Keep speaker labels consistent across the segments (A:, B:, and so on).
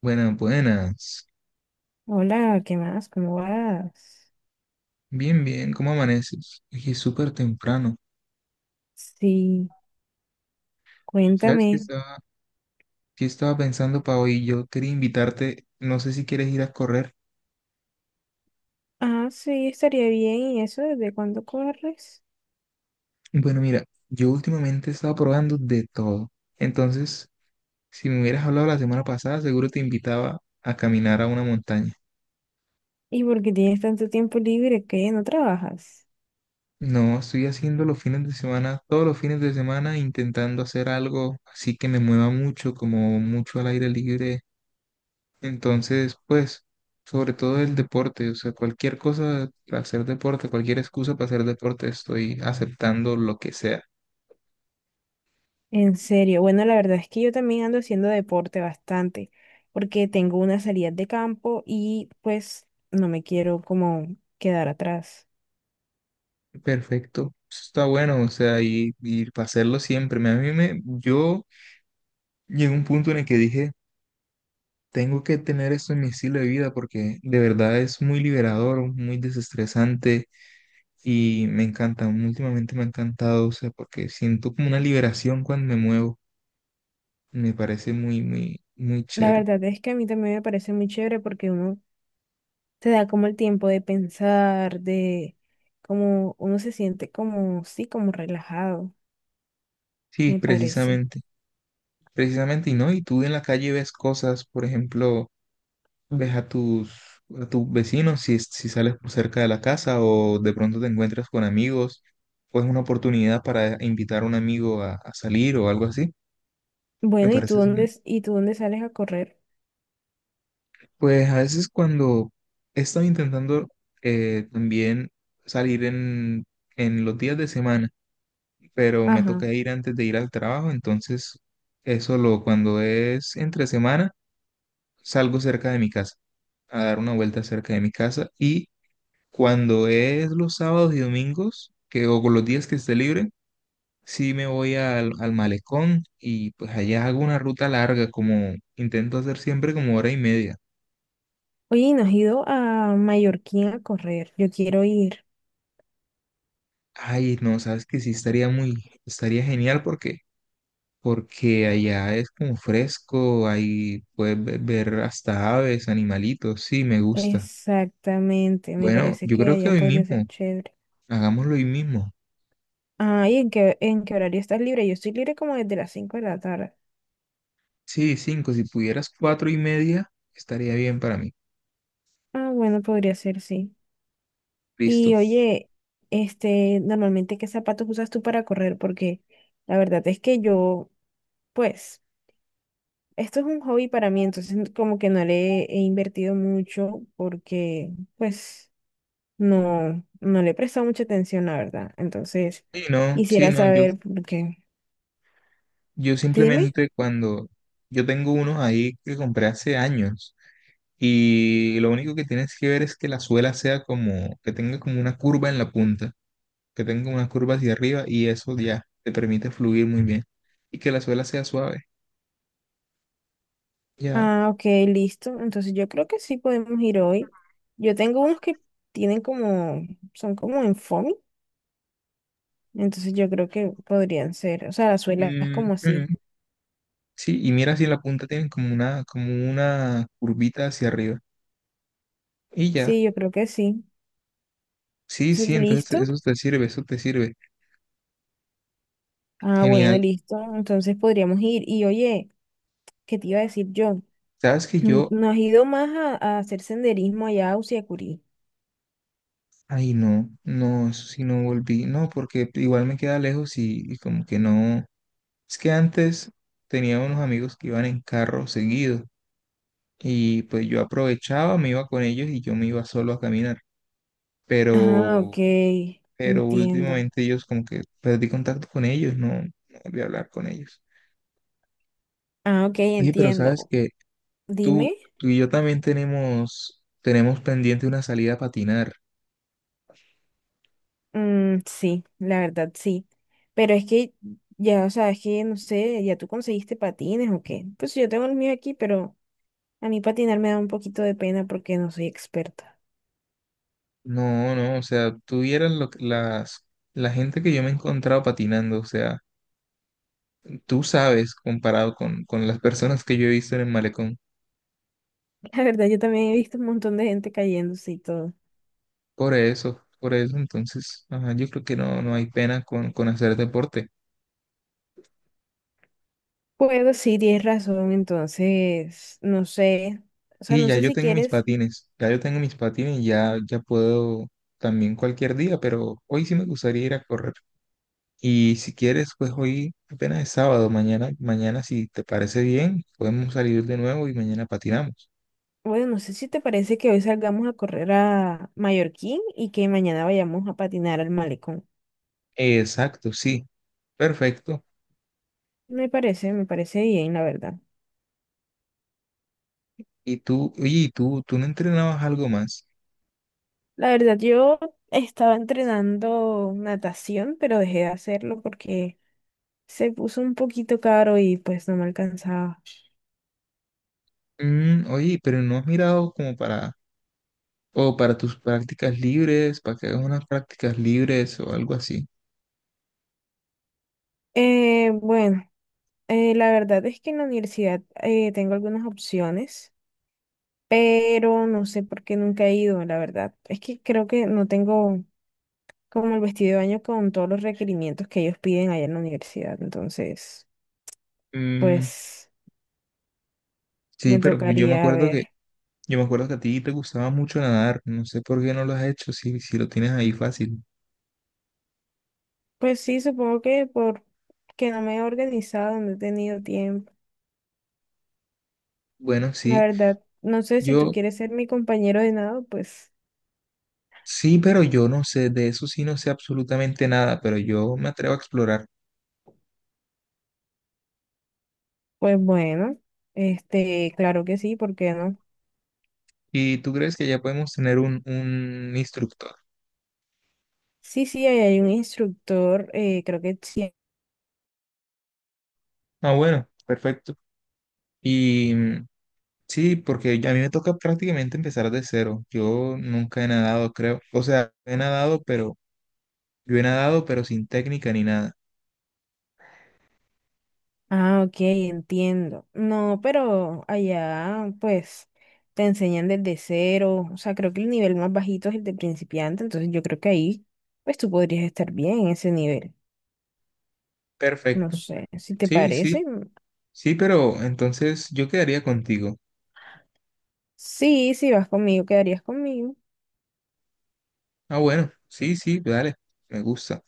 A: Buenas, buenas.
B: Hola, ¿qué más? ¿Cómo vas?
A: Bien, bien, ¿cómo amaneces? Aquí es súper temprano.
B: Sí,
A: ¿Sabes
B: cuéntame.
A: qué estaba pensando para hoy? Yo quería invitarte, no sé si quieres ir a correr.
B: Ah, sí, estaría bien. ¿Y eso desde cuándo corres?
A: Bueno, mira, yo últimamente he estado probando de todo. Entonces, si me hubieras hablado la semana pasada, seguro te invitaba a caminar a una montaña.
B: ¿Y por qué tienes tanto tiempo libre que no trabajas?
A: No, estoy haciendo los fines de semana, todos los fines de semana, intentando hacer algo así que me mueva mucho, como mucho al aire libre. Entonces, pues, sobre todo el deporte, o sea, cualquier cosa para hacer deporte, cualquier excusa para hacer deporte, estoy aceptando lo que sea.
B: En serio. Bueno, la verdad es que yo también ando haciendo deporte bastante, porque tengo una salida de campo y pues no me quiero como quedar atrás.
A: Perfecto. Eso Está bueno, o sea, y para hacerlo siempre. A mí me, yo llegué a un punto en el que dije, tengo que tener esto en mi estilo de vida porque de verdad es muy liberador, muy desestresante y me encanta, últimamente me ha encantado, o sea, porque siento como una liberación cuando me muevo. Me parece muy, muy, muy
B: La
A: chévere.
B: verdad es que a mí también me parece muy chévere porque uno te da como el tiempo de pensar, de como uno se siente como, sí, como relajado,
A: Sí,
B: me parece.
A: precisamente. Precisamente, y no, y tú en la calle ves cosas, por ejemplo, ves a tus vecinos si, si sales por cerca de la casa o de pronto te encuentras con amigos, o es una oportunidad para invitar a un amigo a salir o algo así. Me
B: Bueno, ¿y tú
A: parece,
B: dónde, s- y tú dónde sales a correr?
A: pues a veces cuando he estado intentando también salir en los días de semana, pero me
B: Ajá.
A: toca ir antes de ir al trabajo, entonces eso lo cuando es entre semana, salgo cerca de mi casa, a dar una vuelta cerca de mi casa y cuando es los sábados y domingos, que o con los días que esté libre, sí me voy al, al malecón y pues allá hago una ruta larga, como intento hacer siempre como hora y media.
B: Oye, ¿y no has ido a Mallorquín a correr? Yo quiero ir.
A: Ay, no, sabes que sí estaría muy, estaría genial porque porque allá es como fresco, ahí puedes ver hasta aves, animalitos, sí, me gusta.
B: Exactamente, me
A: Bueno,
B: parece
A: yo
B: que
A: creo que
B: allá
A: hoy
B: podría
A: mismo,
B: ser chévere.
A: hagámoslo hoy mismo.
B: Ah, ¿y en qué horario estás libre? Yo estoy libre como desde las 5 de la tarde.
A: Sí, cinco. Si pudieras cuatro y media, estaría bien para mí.
B: Ah, bueno, podría ser, sí.
A: Listo.
B: Y oye, este, normalmente ¿qué zapatos usas tú para correr? Porque la verdad es que yo, pues, esto es un hobby para mí, entonces como que no le he invertido mucho porque, pues, no, no le he prestado mucha atención, la verdad. Entonces,
A: Sí, no, sí,
B: quisiera
A: no. Yo,
B: saber porque,
A: yo
B: sí. Dime.
A: simplemente cuando yo tengo unos ahí que compré hace años y lo único que tienes que ver es que la suela sea como, que tenga como una curva en la punta, que tenga una curva hacia arriba y eso ya te permite fluir muy bien y que la suela sea suave. Ya.
B: Ah, ok, listo. Entonces yo creo que sí podemos ir hoy. Yo tengo unos que tienen como, son como en foamy, entonces yo creo que podrían ser, o sea, las suelas
A: Mm,
B: como así.
A: mm. Sí, y mira si en la punta tienen como una curvita hacia arriba y ya.
B: Sí, yo creo que sí.
A: Sí, sí,
B: Entonces,
A: entonces
B: ¿listo?
A: eso te sirve, eso te sirve.
B: Ah, bueno,
A: Genial.
B: listo. Entonces podríamos ir. Y oye, ¿qué te iba a decir yo?
A: Sabes que
B: Mm,
A: yo,
B: ¿no has ido más a hacer senderismo allá a Usiacurí?
A: ay no, no, eso sí no volví, no, porque igual me queda lejos y como que no. Es que antes tenía unos amigos que iban en carro seguido y pues yo aprovechaba, me iba con ellos y yo me iba solo a caminar,
B: Ah, ok.
A: pero, pero
B: Entiendo.
A: últimamente ellos como que perdí contacto con ellos, no, no volví a hablar con ellos.
B: Ah, ok,
A: Oye, pero sabes
B: entiendo.
A: que
B: Dime.
A: tú y yo también tenemos, tenemos pendiente una salida a patinar.
B: Mm, sí, la verdad, sí. Pero es que ya, o sea, es que no sé, ¿ya tú conseguiste patines o qué? Pues yo tengo el mío aquí, pero a mí patinar me da un poquito de pena porque no soy experta.
A: No, no, o sea, tú vieras las, la gente que yo me he encontrado patinando, o sea, tú sabes comparado con las personas que yo he visto en el malecón.
B: La verdad, yo también he visto un montón de gente cayéndose y todo.
A: Por eso, entonces, ajá, yo creo que no, no hay pena con hacer deporte.
B: Bueno, sí, tienes razón, entonces, no sé, o sea,
A: Y
B: no
A: ya
B: sé
A: yo
B: si
A: tengo mis
B: quieres,
A: patines, ya yo tengo mis patines, ya, ya puedo también cualquier día, pero hoy sí me gustaría ir a correr. Y si quieres, pues hoy apenas es sábado, mañana, mañana si te parece bien, podemos salir de nuevo y mañana patinamos.
B: bueno, no sé si te parece que hoy salgamos a correr a Mallorquín y que mañana vayamos a patinar al malecón.
A: Exacto, sí. Perfecto.
B: Me parece bien, la verdad.
A: Y tú, oye, ¿y tú no entrenabas algo más?
B: La verdad, yo estaba entrenando natación, pero dejé de hacerlo porque se puso un poquito caro y pues no me alcanzaba.
A: Mm, oye, pero no has mirado como para, o para tus prácticas libres, para que hagas unas prácticas libres o algo así.
B: Bueno, la verdad es que en la universidad tengo algunas opciones. Pero no sé por qué nunca he ido, la verdad. Es que creo que no tengo como el vestido de baño con todos los requerimientos que ellos piden allá en la universidad, entonces,
A: Mm,
B: pues
A: sí,
B: me
A: pero yo me
B: tocaría
A: acuerdo
B: ver.
A: que, yo me acuerdo que a ti te gustaba mucho nadar. No sé por qué no lo has hecho, si, si lo tienes ahí fácil.
B: Pues sí, supongo que por que no me he organizado, no he tenido tiempo.
A: Bueno,
B: La
A: sí,
B: verdad, no sé si tú
A: yo,
B: quieres ser mi compañero de nado, pues,
A: sí, pero yo no sé, de eso sí no sé absolutamente nada, pero yo me atrevo a explorar.
B: pues bueno, este, claro que sí, ¿por qué no?
A: ¿Y tú crees que ya podemos tener un instructor?
B: Sí, sí, ahí hay un instructor, creo que sí.
A: Ah, bueno, perfecto. Y mm, sí, porque ya a mí me toca prácticamente empezar de cero. Yo nunca he nadado, creo. O sea, he nadado, pero yo he nadado, pero sin técnica ni nada.
B: Ah, ok, entiendo. No, pero allá pues te enseñan desde cero, o sea, creo que el nivel más bajito es el de principiante, entonces yo creo que ahí pues tú podrías estar bien en ese nivel. No
A: Perfecto.
B: sé, si te
A: Sí, sí,
B: parece.
A: sí, pero entonces yo quedaría contigo.
B: Sí, si vas conmigo, quedarías conmigo.
A: Ah, bueno, sí, sí, dale. Me gusta.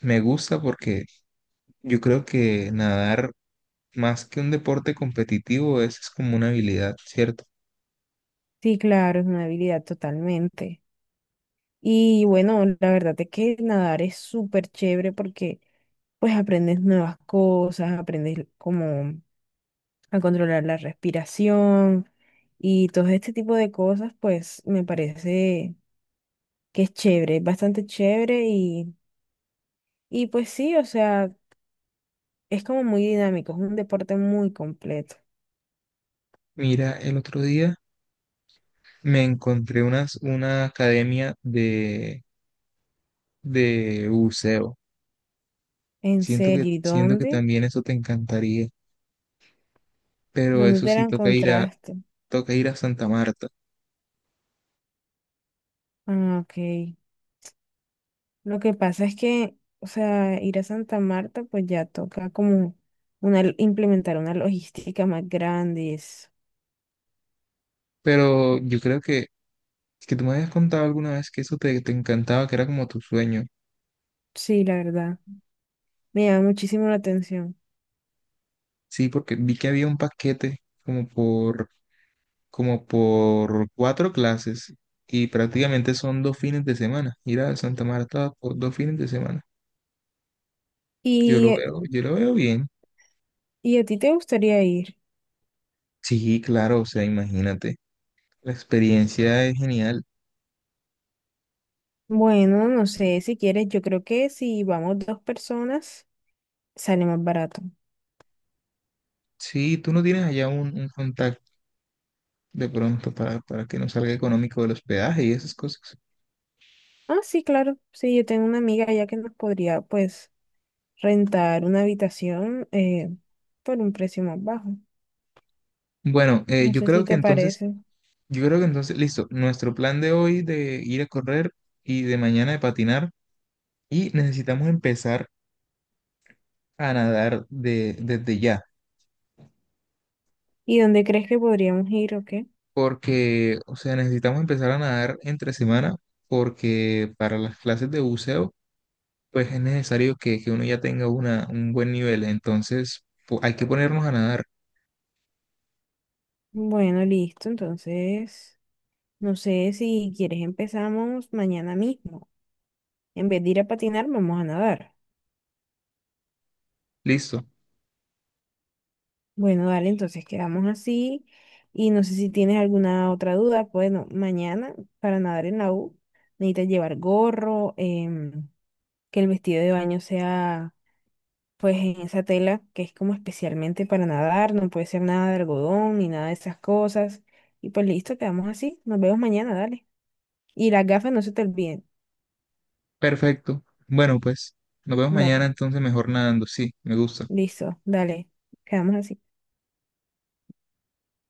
A: Me gusta porque yo creo que nadar más que un deporte competitivo es como una habilidad, ¿cierto?
B: Sí, claro, es una habilidad totalmente. Y bueno, la verdad es que nadar es súper chévere porque pues aprendes nuevas cosas, aprendes como a controlar la respiración y todo este tipo de cosas, pues me parece que es chévere, es bastante chévere y pues sí, o sea, es como muy dinámico, es un deporte muy completo.
A: Mira, el otro día me encontré una academia de buceo.
B: En serio, ¿y
A: Siento que
B: dónde?
A: también eso te encantaría, pero
B: ¿Dónde
A: eso
B: te la
A: sí
B: encontraste?
A: toca ir a Santa Marta.
B: Ah, ok. Lo que pasa es que, o sea, ir a Santa Marta, pues ya toca como una, implementar una logística más grande. Y eso.
A: Pero yo creo que tú me habías contado alguna vez que eso te, te encantaba, que era como tu sueño.
B: Sí, la verdad, me llama muchísimo la atención.
A: Sí, porque vi que había un paquete como por, como por cuatro clases y prácticamente son dos fines de semana. Ir a Santa Marta por dos fines de semana.
B: ¿Y, eh,
A: Yo lo veo bien.
B: y a ti te gustaría ir?
A: Sí, claro, o sea, imagínate. La experiencia es genial.
B: Bueno, no sé, si quieres, yo creo que si vamos dos personas, sale más barato.
A: Sí, tú no tienes allá un contacto de pronto para que no salga económico el hospedaje y esas cosas.
B: Ah, sí, claro, sí, yo tengo una amiga allá que nos podría, pues, rentar una habitación por un precio más bajo.
A: Bueno,
B: No
A: yo
B: sé
A: creo
B: si
A: que
B: te
A: entonces,
B: parece.
A: yo creo que entonces, listo, nuestro plan de hoy de ir a correr y de mañana de patinar y necesitamos empezar a nadar de, desde ya,
B: ¿Y dónde crees que podríamos ir o qué?
A: porque, o sea, necesitamos empezar a nadar entre semana porque para las clases de buceo, pues es necesario que uno ya tenga una, un buen nivel, entonces hay que ponernos a nadar,
B: Bueno, listo. Entonces, no sé si quieres empezamos mañana mismo. En vez de ir a patinar, vamos a nadar.
A: listo.
B: Bueno, dale, entonces quedamos así. Y no sé si tienes alguna otra duda. Bueno, mañana para nadar en la U necesitas llevar gorro, que el vestido de baño sea pues en esa tela que es como especialmente para nadar. No puede ser nada de algodón ni nada de esas cosas. Y pues listo, quedamos así. Nos vemos mañana, dale. Y las gafas no se te olviden.
A: Perfecto. Bueno, pues nos vemos mañana
B: Dale.
A: entonces mejor nadando. Sí, me gusta.
B: Listo, dale, quedamos así.